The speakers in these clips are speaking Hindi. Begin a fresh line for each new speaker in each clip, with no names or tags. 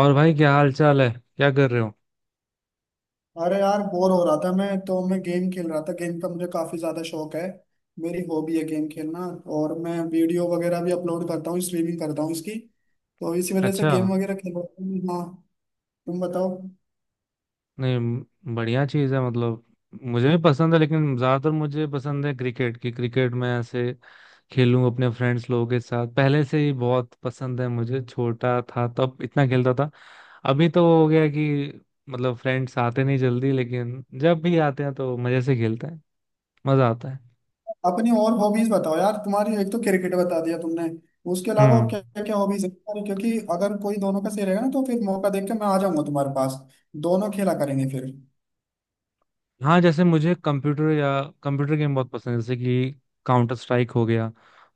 और भाई, क्या हाल चाल है? क्या कर रहे हो?
अरे यार बोर हो रहा था। मैं तो मैं गेम खेल रहा था। गेम का मुझे काफी ज्यादा शौक है। मेरी हॉबी है गेम खेलना। और मैं वीडियो वगैरह भी अपलोड करता हूँ, स्ट्रीमिंग करता हूँ इसकी। तो इसी वजह से
अच्छा।
गेम वगैरह खेल रहा हूँ, हाँ। तुम बताओ।
नहीं, बढ़िया चीज है, मतलब। मुझे भी पसंद है, लेकिन ज्यादातर मुझे पसंद है क्रिकेट की। क्रिकेट में ऐसे खेलूं अपने फ्रेंड्स लोगों के साथ, पहले से ही बहुत पसंद है मुझे। छोटा था तब इतना खेलता था, अभी तो हो गया कि मतलब फ्रेंड्स आते नहीं जल्दी, लेकिन जब भी आते हैं तो मजे से खेलते हैं। मजा आता है।
अपनी और हॉबीज बताओ यार तुम्हारी, एक तो क्रिकेट बता दिया तुमने, उसके अलावा और
हम्म।
क्या क्या हॉबीज है तुम्हारी? क्योंकि अगर कोई दोनों का सही रहेगा ना तो फिर मौका देख के मैं आ जाऊंगा तुम्हारे पास। दोनों खेला करेंगे फिर।
हाँ, जैसे मुझे कंप्यूटर या कंप्यूटर गेम बहुत पसंद है, जैसे कि काउंटर स्ट्राइक हो गया।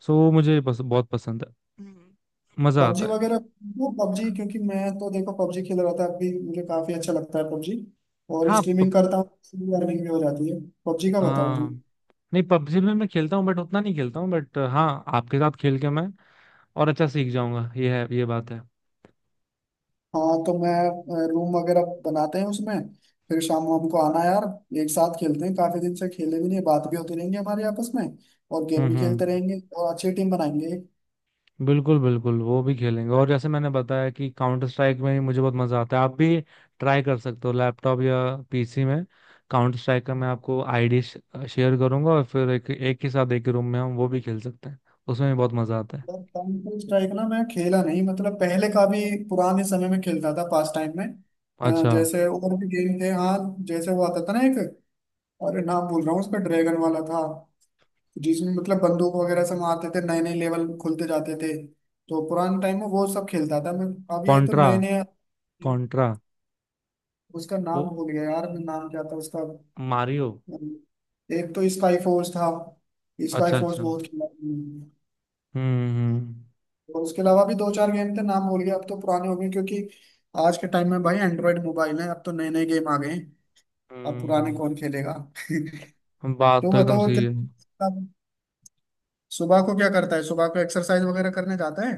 सो वो मुझे बहुत पसंद है। मजा आता
पबजी
है।
वगैरह। वो पबजी क्योंकि मैं तो देखो पबजी खेल रहा था अभी, मुझे काफी अच्छा लगता है पबजी। और
हाँ,
स्ट्रीमिंग करता हूँ, अर्निंग भी हो जाती है। पबजी का बताओ तुम।
हाँ। नहीं, पबजी में मैं खेलता हूँ बट उतना नहीं खेलता हूँ, बट हाँ आपके साथ खेल के मैं और अच्छा सीख जाऊंगा। ये है, ये बात है।
हाँ तो मैं रूम वगैरह बनाते हैं उसमें, फिर शाम को हमको आना यार, एक साथ खेलते हैं। काफी दिन से खेले भी नहीं है, बात भी होती रहेंगी हमारे आपस में और गेम
हम्म,
भी
हम्म।
खेलते रहेंगे और अच्छी टीम बनाएंगे।
बिल्कुल बिल्कुल, वो भी खेलेंगे। और जैसे मैंने बताया कि काउंटर स्ट्राइक में ही मुझे बहुत मजा आता है, आप भी ट्राई कर सकते हो लैपटॉप या पीसी में। काउंटर स्ट्राइक का मैं आपको आईडी शेयर करूंगा, और फिर एक एक ही साथ एक ही रूम में हम वो भी खेल सकते हैं। उसमें भी बहुत मजा आता है।
यार काउंटर स्ट्राइक ना मैं खेला नहीं, मतलब पहले का भी पुराने समय में खेलता था पास टाइम में,
अच्छा।
जैसे और भी गेम थे हाँ। जैसे वो आता था ना एक, अरे नाम बोल रहा हूँ उसका, ड्रैगन वाला था, जिसमें मतलब बंदूक वगैरह से मारते थे, नए नए लेवल खुलते जाते थे। तो पुराने टाइम में वो सब खेलता था मैं। अब ये तो
कॉन्ट्रा।
नए नए,
कॉन्ट्रा।
उसका
वो,
नाम भूल गया यार मैं, नाम क्या था उसका?
मारियो।
एक तो स्काई फोर्स था। स्काई
अच्छा,
फोर्स
अच्छा।
बहुत खेला मैंने।
हम्म
और उसके अलावा भी दो चार गेम थे नाम भूल गया, अब तो पुराने हो गए क्योंकि आज के टाइम में भाई एंड्रॉयड मोबाइल है, अब तो नए नए गेम आ गए हैं। अब पुराने
हम्म
कौन खेलेगा।
बात
तो
तो एकदम
बताओ और
सही
क्या,
है।
सुबह को क्या करता है, सुबह को एक्सरसाइज वगैरह करने जाता है?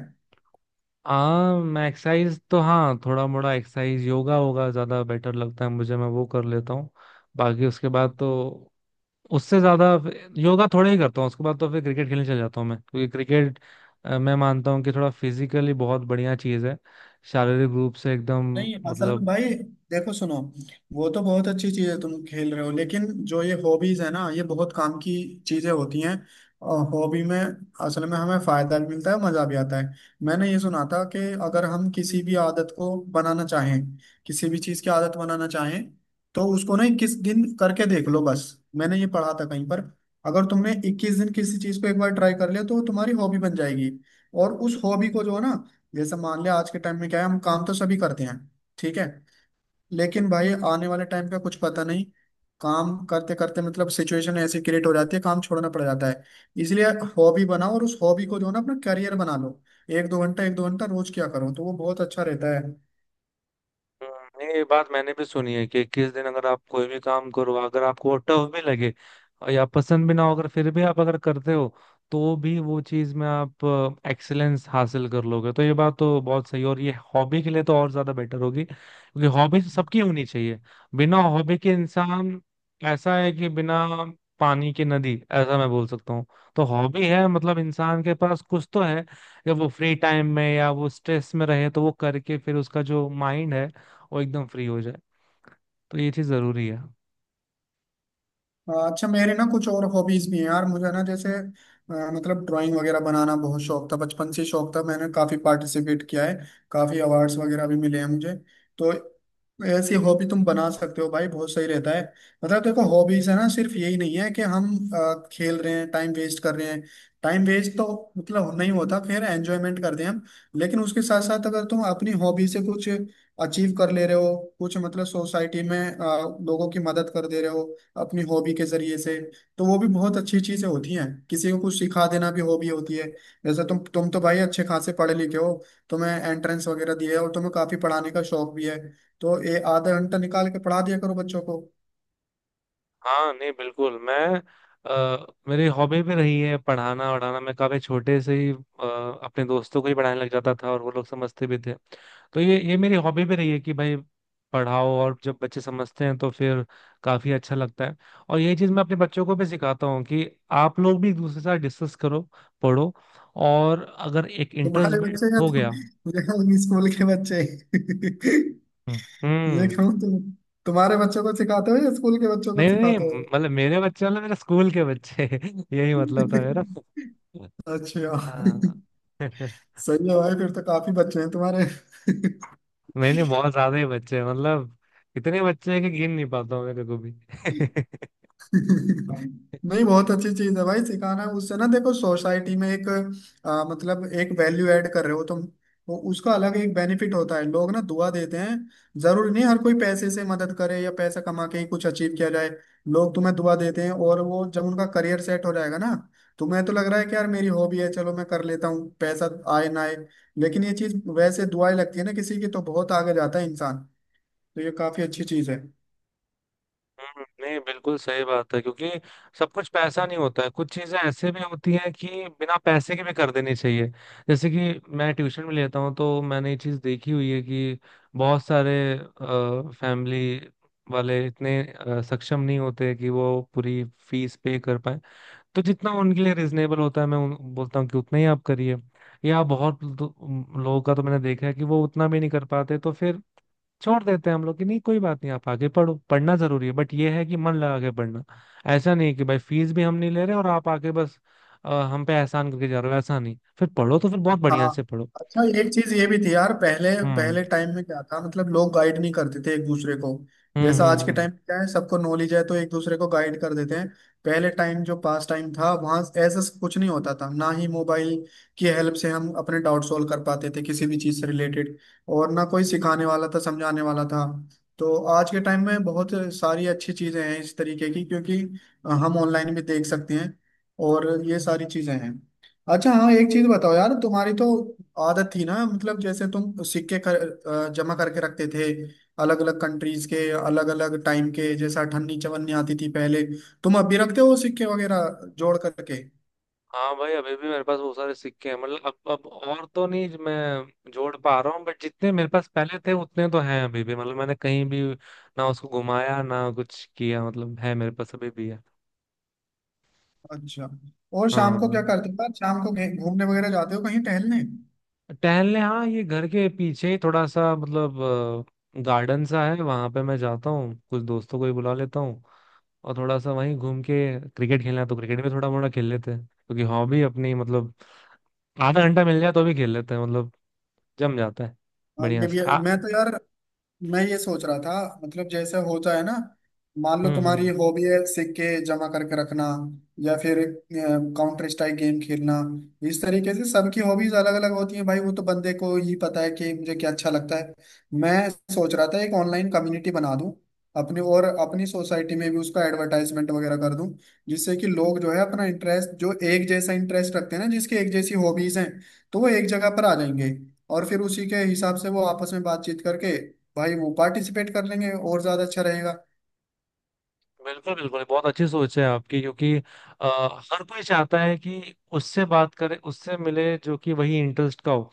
आम एक्सरसाइज तो हाँ, थोड़ा मोड़ा एक्सरसाइज, योगा होगा ज्यादा बेटर लगता है मुझे, मैं वो कर लेता हूँ। बाकी उसके बाद तो उससे ज्यादा योगा थोड़ा ही करता हूँ। उसके बाद तो फिर क्रिकेट खेलने चल जाता हूँ मैं, क्योंकि क्रिकेट मैं मानता हूँ कि थोड़ा फिजिकली बहुत बढ़िया चीज है, शारीरिक रूप से एकदम,
नहीं असल में
मतलब।
भाई देखो सुनो, वो तो बहुत अच्छी चीज है तुम खेल रहे हो, लेकिन जो ये हॉबीज है ना, ये बहुत काम की चीजें होती हैं और हॉबी में असल में हमें फायदा भी मिलता है, मजा भी आता है। मैंने ये सुना था कि अगर हम किसी भी आदत को बनाना चाहें, किसी भी चीज की आदत बनाना चाहें, तो उसको ना 21 दिन करके देख लो बस। मैंने ये पढ़ा था कहीं पर। अगर तुमने 21 दिन किसी चीज को एक बार ट्राई कर लिया तो वो तुम्हारी हॉबी बन जाएगी। और उस हॉबी को जो है ना, जैसे मान लिया आज के टाइम में क्या है, हम काम तो सभी करते हैं ठीक है। लेकिन भाई आने वाले टाइम का कुछ पता नहीं, काम करते करते मतलब सिचुएशन ऐसी क्रिएट हो जाती है, काम छोड़ना पड़ जाता है, इसलिए हॉबी बनाओ और उस हॉबी को जो है ना अपना करियर बना लो। एक दो घंटा रोज क्या करो तो वो बहुत अच्छा रहता है।
ये बात मैंने भी सुनी है कि 21 दिन अगर आप कोई भी काम करो, अगर आपको वो टफ भी लगे और या पसंद भी ना हो, अगर फिर भी आप अगर करते हो तो भी वो चीज में आप एक्सेलेंस हासिल कर लोगे, तो ये बात तो बहुत सही है। और ये हॉबी के लिए तो और ज्यादा बेटर होगी, क्योंकि हॉबी तो सबकी होनी चाहिए। बिना हॉबी के इंसान ऐसा है कि बिना पानी की नदी, ऐसा मैं बोल सकता हूँ। तो हॉबी है मतलब इंसान के पास कुछ तो है, जब वो फ्री टाइम में या वो स्ट्रेस में रहे तो वो करके फिर उसका जो माइंड है वो एकदम फ्री हो जाए, तो ये चीज जरूरी है।
हाँ, अच्छा मेरे ना कुछ और हॉबीज भी हैं यार, मुझे ना जैसे मतलब ड्राइंग वगैरह बनाना बहुत शौक था, बचपन से शौक था, मैंने काफी पार्टिसिपेट किया है, काफी अवार्ड्स वगैरह भी मिले हैं मुझे। तो ऐसी हॉबी तुम बना सकते हो भाई, बहुत सही रहता है। मतलब देखो हॉबीज है ना, सिर्फ यही नहीं है कि हम खेल रहे हैं टाइम वेस्ट कर रहे हैं। टाइम वेस्ट तो मतलब नहीं होता, फिर एंजॉयमेंट करते हैं हम। लेकिन उसके साथ साथ अगर तुम अपनी हॉबी से कुछ अचीव कर ले रहे हो, कुछ मतलब सोसाइटी में लोगों की मदद कर दे रहे हो अपनी हॉबी के जरिए से, तो वो भी बहुत अच्छी चीजें होती हैं। किसी को कुछ सिखा देना भी हॉबी होती है। जैसे तुम तो भाई अच्छे खासे पढ़े लिखे हो, तुम्हें एंट्रेंस वगैरह दिए है और तुम्हें काफी पढ़ाने का शौक भी है, तो ये आधा घंटा निकाल के पढ़ा दिया करो बच्चों को।
हाँ, नहीं बिल्कुल मैं, मेरी हॉबी भी रही है पढ़ाना वढ़ाना। मैं काफी छोटे से ही अपने दोस्तों को ही पढ़ाने लग जाता था, और वो लोग समझते भी थे, तो ये मेरी हॉबी भी रही है कि भाई पढ़ाओ, और जब बच्चे समझते हैं तो फिर काफी अच्छा लगता है। और ये चीज मैं अपने बच्चों को भी सिखाता हूँ कि आप लोग भी एक दूसरे के साथ डिस्कस करो, पढ़ो, और अगर एक इंटरेस्ट
तुम्हारे
बिल्ड
बच्चे या
हो
तुम
गया।
या स्कूल के बच्चे?
हम्म,
ये
हम्म।
कहूँ तुम, तुम्हारे बच्चों को सिखाते हो या स्कूल के बच्चों को
नहीं नहीं नहीं,
सिखाते हो?
मतलब मेरे बच्चे मतलब मेरे स्कूल के बच्चे यही मतलब था मेरा।
अच्छा।
हाँ।
सही है भाई, फिर तो काफी बच्चे हैं तुम्हारे।
नहीं नहीं, बहुत ज्यादा ही बच्चे हैं, मतलब इतने बच्चे हैं कि गिन नहीं पाता हूँ मेरे को भी
नहीं बहुत अच्छी चीज है भाई सिखाना, उससे ना देखो सोसाइटी में एक, मतलब एक वैल्यू ऐड कर रहे हो तुम। वो उसका अलग एक बेनिफिट होता है, लोग ना दुआ देते हैं। जरूरी नहीं हर कोई पैसे से मदद करे या पैसा कमा के ही कुछ अचीव किया जाए। लोग तुम्हें दुआ देते हैं और वो जब उनका करियर सेट हो जाएगा ना, तुम्हें तो लग रहा है कि यार मेरी हॉबी है चलो मैं कर लेता हूँ, पैसा आए ना आए। लेकिन ये चीज वैसे दुआएं लगती है ना किसी की, तो बहुत आगे जाता है इंसान। तो ये काफी अच्छी चीज है।
नहीं बिल्कुल सही बात है, क्योंकि सब कुछ पैसा नहीं होता है, कुछ चीजें ऐसे भी होती हैं कि बिना पैसे के भी कर देनी चाहिए। जैसे कि मैं ट्यूशन में लेता हूँ, तो मैंने ये चीज देखी हुई है कि बहुत सारे फैमिली वाले इतने सक्षम नहीं होते कि वो पूरी फीस पे कर पाए। तो जितना उनके लिए रिजनेबल होता है मैं बोलता हूँ कि उतना ही आप करिए, या बहुत लोगों का तो मैंने देखा है कि वो उतना भी नहीं कर पाते, तो फिर छोड़ देते हैं हम लोग कि नहीं कोई बात नहीं, आप आगे पढ़ो, पढ़ना जरूरी है, बट ये है कि मन लगा के पढ़ना। ऐसा नहीं कि भाई फीस भी हम नहीं ले रहे और आप आके बस हम पे एहसान करके जा रहे हो, ऐसा नहीं। फिर पढ़ो तो फिर बहुत बढ़िया से
हाँ
पढ़ो।
अच्छा एक चीज ये भी थी यार, पहले
हम्म,
पहले टाइम में क्या था मतलब लोग गाइड नहीं करते थे एक दूसरे को,
हम्म,
जैसा आज
हम्म,
के टाइम क्या है सबको नॉलेज है तो एक दूसरे को गाइड कर देते हैं। पहले टाइम जो पास टाइम था, वहाँ ऐसा कुछ नहीं होता था, ना ही मोबाइल की हेल्प से हम अपने डाउट सॉल्व कर पाते थे किसी भी चीज से रिलेटेड, और ना कोई सिखाने वाला था समझाने वाला था। तो आज के टाइम में बहुत सारी अच्छी चीजें हैं इस तरीके की, क्योंकि हम ऑनलाइन भी देख सकते हैं और ये सारी चीजें हैं। अच्छा हाँ, एक चीज बताओ यार, तुम्हारी तो आदत थी ना मतलब, जैसे तुम जमा करके रखते थे, अलग अलग कंट्रीज के अलग अलग टाइम के, जैसे अठन्नी चवन्नी आती थी पहले, तुम अब भी रखते हो सिक्के वगैरह जोड़ करके?
हाँ भाई, अभी भी मेरे पास बहुत सारे सिक्के हैं। मतलब अब और तो नहीं जो मैं जोड़ पा रहा हूँ, बट जितने मेरे पास पहले थे उतने तो हैं अभी भी, मतलब मैंने कहीं भी ना उसको घुमाया ना कुछ किया, मतलब है मेरे पास अभी भी है।
अच्छा, और शाम को
हाँ,
क्या करते हो यार, शाम को घूमने वगैरह जाते हो कहीं टहलने?
टहलने हाँ, ये घर के पीछे ही थोड़ा सा मतलब गार्डन सा है, वहां पे मैं जाता हूँ, कुछ दोस्तों को भी बुला लेता हूँ। और थोड़ा सा वहीं घूम के क्रिकेट खेलना है तो क्रिकेट भी थोड़ा मोड़ा खेल लेते हैं, क्योंकि हॉबी अपनी मतलब आधा घंटा मिल जाए तो भी खेल लेते हैं, मतलब जम जाता है।
हाँ,
बढ़िया
ये भी
से
है।
आ।
मैं तो यार मैं ये सोच रहा था, मतलब जैसे होता है ना, मान लो
हम्म,
तुम्हारी
हम्म।
हॉबी है सिक्के जमा करके रखना, या फिर काउंटर स्ट्राइक गेम खेलना, इस तरीके से सबकी हॉबीज अलग अलग होती हैं भाई, वो तो बंदे को ही पता है कि मुझे क्या अच्छा लगता है। मैं सोच रहा था एक ऑनलाइन कम्युनिटी बना दूं, अपने और अपनी सोसाइटी में भी उसका एडवर्टाइजमेंट वगैरह कर दूं, जिससे कि लोग जो है अपना इंटरेस्ट, जो एक जैसा इंटरेस्ट रखते हैं ना, जिसके एक जैसी हॉबीज हैं, तो वो एक जगह पर आ जाएंगे और फिर उसी के हिसाब से वो आपस में बातचीत करके भाई वो पार्टिसिपेट कर लेंगे और ज्यादा अच्छा रहेगा।
बिल्कुल बिल्कुल, बहुत अच्छी सोच है आपकी, क्योंकि हर कोई चाहता है कि उससे बात करे, उससे मिले, जो कि वही इंटरेस्ट का हो।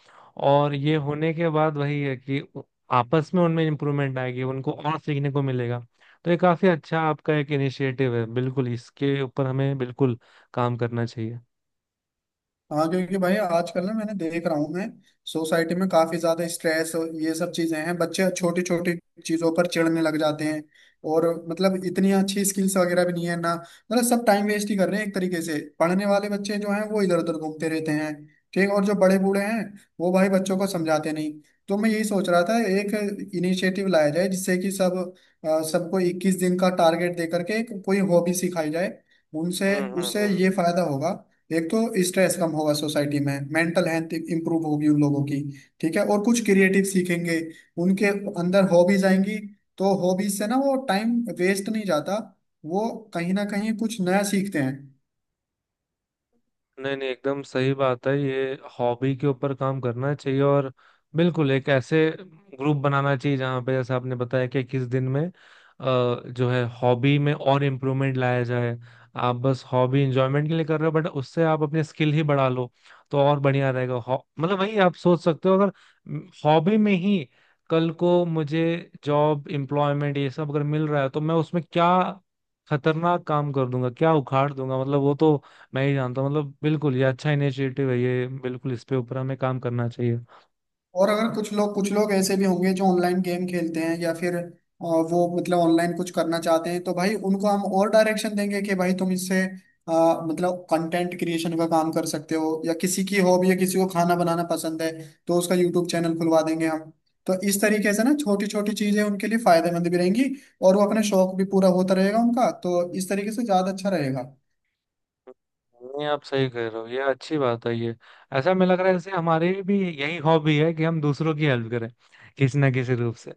और ये होने के बाद वही है कि आपस में उनमें इम्प्रूवमेंट आएगी, उनको और सीखने को मिलेगा। तो ये काफी अच्छा आपका एक इनिशिएटिव है, बिल्कुल इसके ऊपर हमें बिल्कुल काम करना चाहिए।
हाँ क्योंकि भाई आजकल ना, मैंने देख रहा हूँ मैं, सोसाइटी में काफी ज्यादा स्ट्रेस और ये सब चीजें हैं, बच्चे छोटी छोटी चीजों पर चिढ़ने लग जाते हैं और मतलब इतनी अच्छी स्किल्स वगैरह भी नहीं है ना, मतलब सब टाइम वेस्ट ही कर रहे हैं एक तरीके से, पढ़ने वाले बच्चे जो हैं वो इधर उधर घूमते रहते हैं ठीक, और जो बड़े बूढ़े हैं वो भाई बच्चों को समझाते नहीं। तो मैं यही सोच रहा था एक इनिशिएटिव लाया जाए जिससे कि सब, सबको 21 दिन का टारगेट दे करके कोई हॉबी सिखाई जाए, उनसे
हम्म, हम्म,
उससे ये फायदा होगा। एक तो स्ट्रेस कम होगा सोसाइटी में, मेंटल हेल्थ इंप्रूव होगी उन लोगों की ठीक है, और कुछ क्रिएटिव सीखेंगे, उनके अंदर हॉबीज आएंगी। तो हॉबीज से ना वो टाइम वेस्ट नहीं जाता, वो कहीं ना कहीं कुछ नया सीखते हैं।
नहीं नहीं, एकदम सही बात है ये। हॉबी के ऊपर काम करना चाहिए, और बिल्कुल एक ऐसे ग्रुप बनाना चाहिए जहाँ पे, जैसे आपने बताया कि किस दिन में जो है हॉबी में और इम्प्रूवमेंट लाया जाए। आप बस हॉबी इंजॉयमेंट के लिए कर रहे हो, बट उससे आप अपने स्किल ही बढ़ा लो तो और बढ़िया रहेगा। मतलब वही आप सोच सकते हो, अगर हॉबी में ही कल को मुझे जॉब एम्प्लॉयमेंट ये सब अगर मिल रहा है तो मैं उसमें क्या खतरनाक काम कर दूंगा, क्या उखाड़ दूंगा, मतलब वो तो मैं ही जानता हूँ। मतलब बिल्कुल ये अच्छा इनिशिएटिव है ये, बिल्कुल इस पे ऊपर हमें काम करना चाहिए।
और अगर कुछ लोग ऐसे भी होंगे जो ऑनलाइन गेम खेलते हैं या फिर वो मतलब ऑनलाइन कुछ करना चाहते हैं, तो भाई उनको हम और डायरेक्शन देंगे कि भाई तुम इससे मतलब कंटेंट क्रिएशन का काम कर सकते हो, या किसी की हॉबी, या किसी को खाना बनाना पसंद है तो उसका यूट्यूब चैनल खुलवा देंगे हम। तो इस तरीके से ना छोटी छोटी चीजें उनके लिए फायदेमंद भी रहेंगी और वो अपने शौक भी पूरा होता रहेगा उनका, तो इस तरीके से ज्यादा अच्छा रहेगा।
नहीं, आप सही कह रहे हो, ये अच्छी बात है ये। ऐसा मैं लग रहा है ऐसे, हमारी भी यही हॉबी है कि हम दूसरों की हेल्प करें किसी ना किसी रूप से।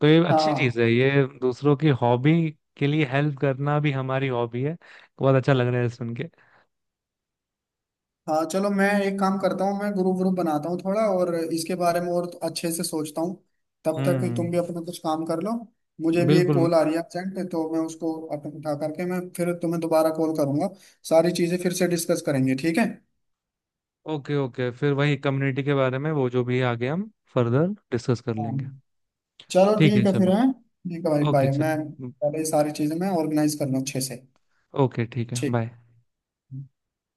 तो ये अच्छी
हाँ।
चीज है, ये दूसरों की हॉबी के लिए हेल्प करना भी हमारी हॉबी है, बहुत अच्छा लग रहा है सुन के।
हाँ चलो मैं एक काम करता हूँ, मैं ग्रुप ग्रुप बनाता हूँ थोड़ा, और इसके बारे में और अच्छे से सोचता हूँ, तब तक
हम्म।
तुम भी अपना कुछ काम कर लो। मुझे भी एक
बिल्कुल।
कॉल आ रही है अर्जेंट, तो मैं उसको अपन उठा करके मैं फिर तुम्हें दोबारा कॉल करूंगा। सारी चीज़ें फिर से डिस्कस करेंगे ठीक है।
ओके, ओके, फिर वही कम्युनिटी के बारे में वो जो भी है आगे हम फर्दर डिस्कस कर
हाँ
लेंगे।
चलो
ठीक है,
ठीक है, फिर
चलो।
है ठीक है भाई
ओके,
बाय, मैं
चलो।
पहले ये सारी चीज़ें मैं ऑर्गेनाइज कर लूँ अच्छे से।
ओके, ठीक है,
ठीक।
बाय।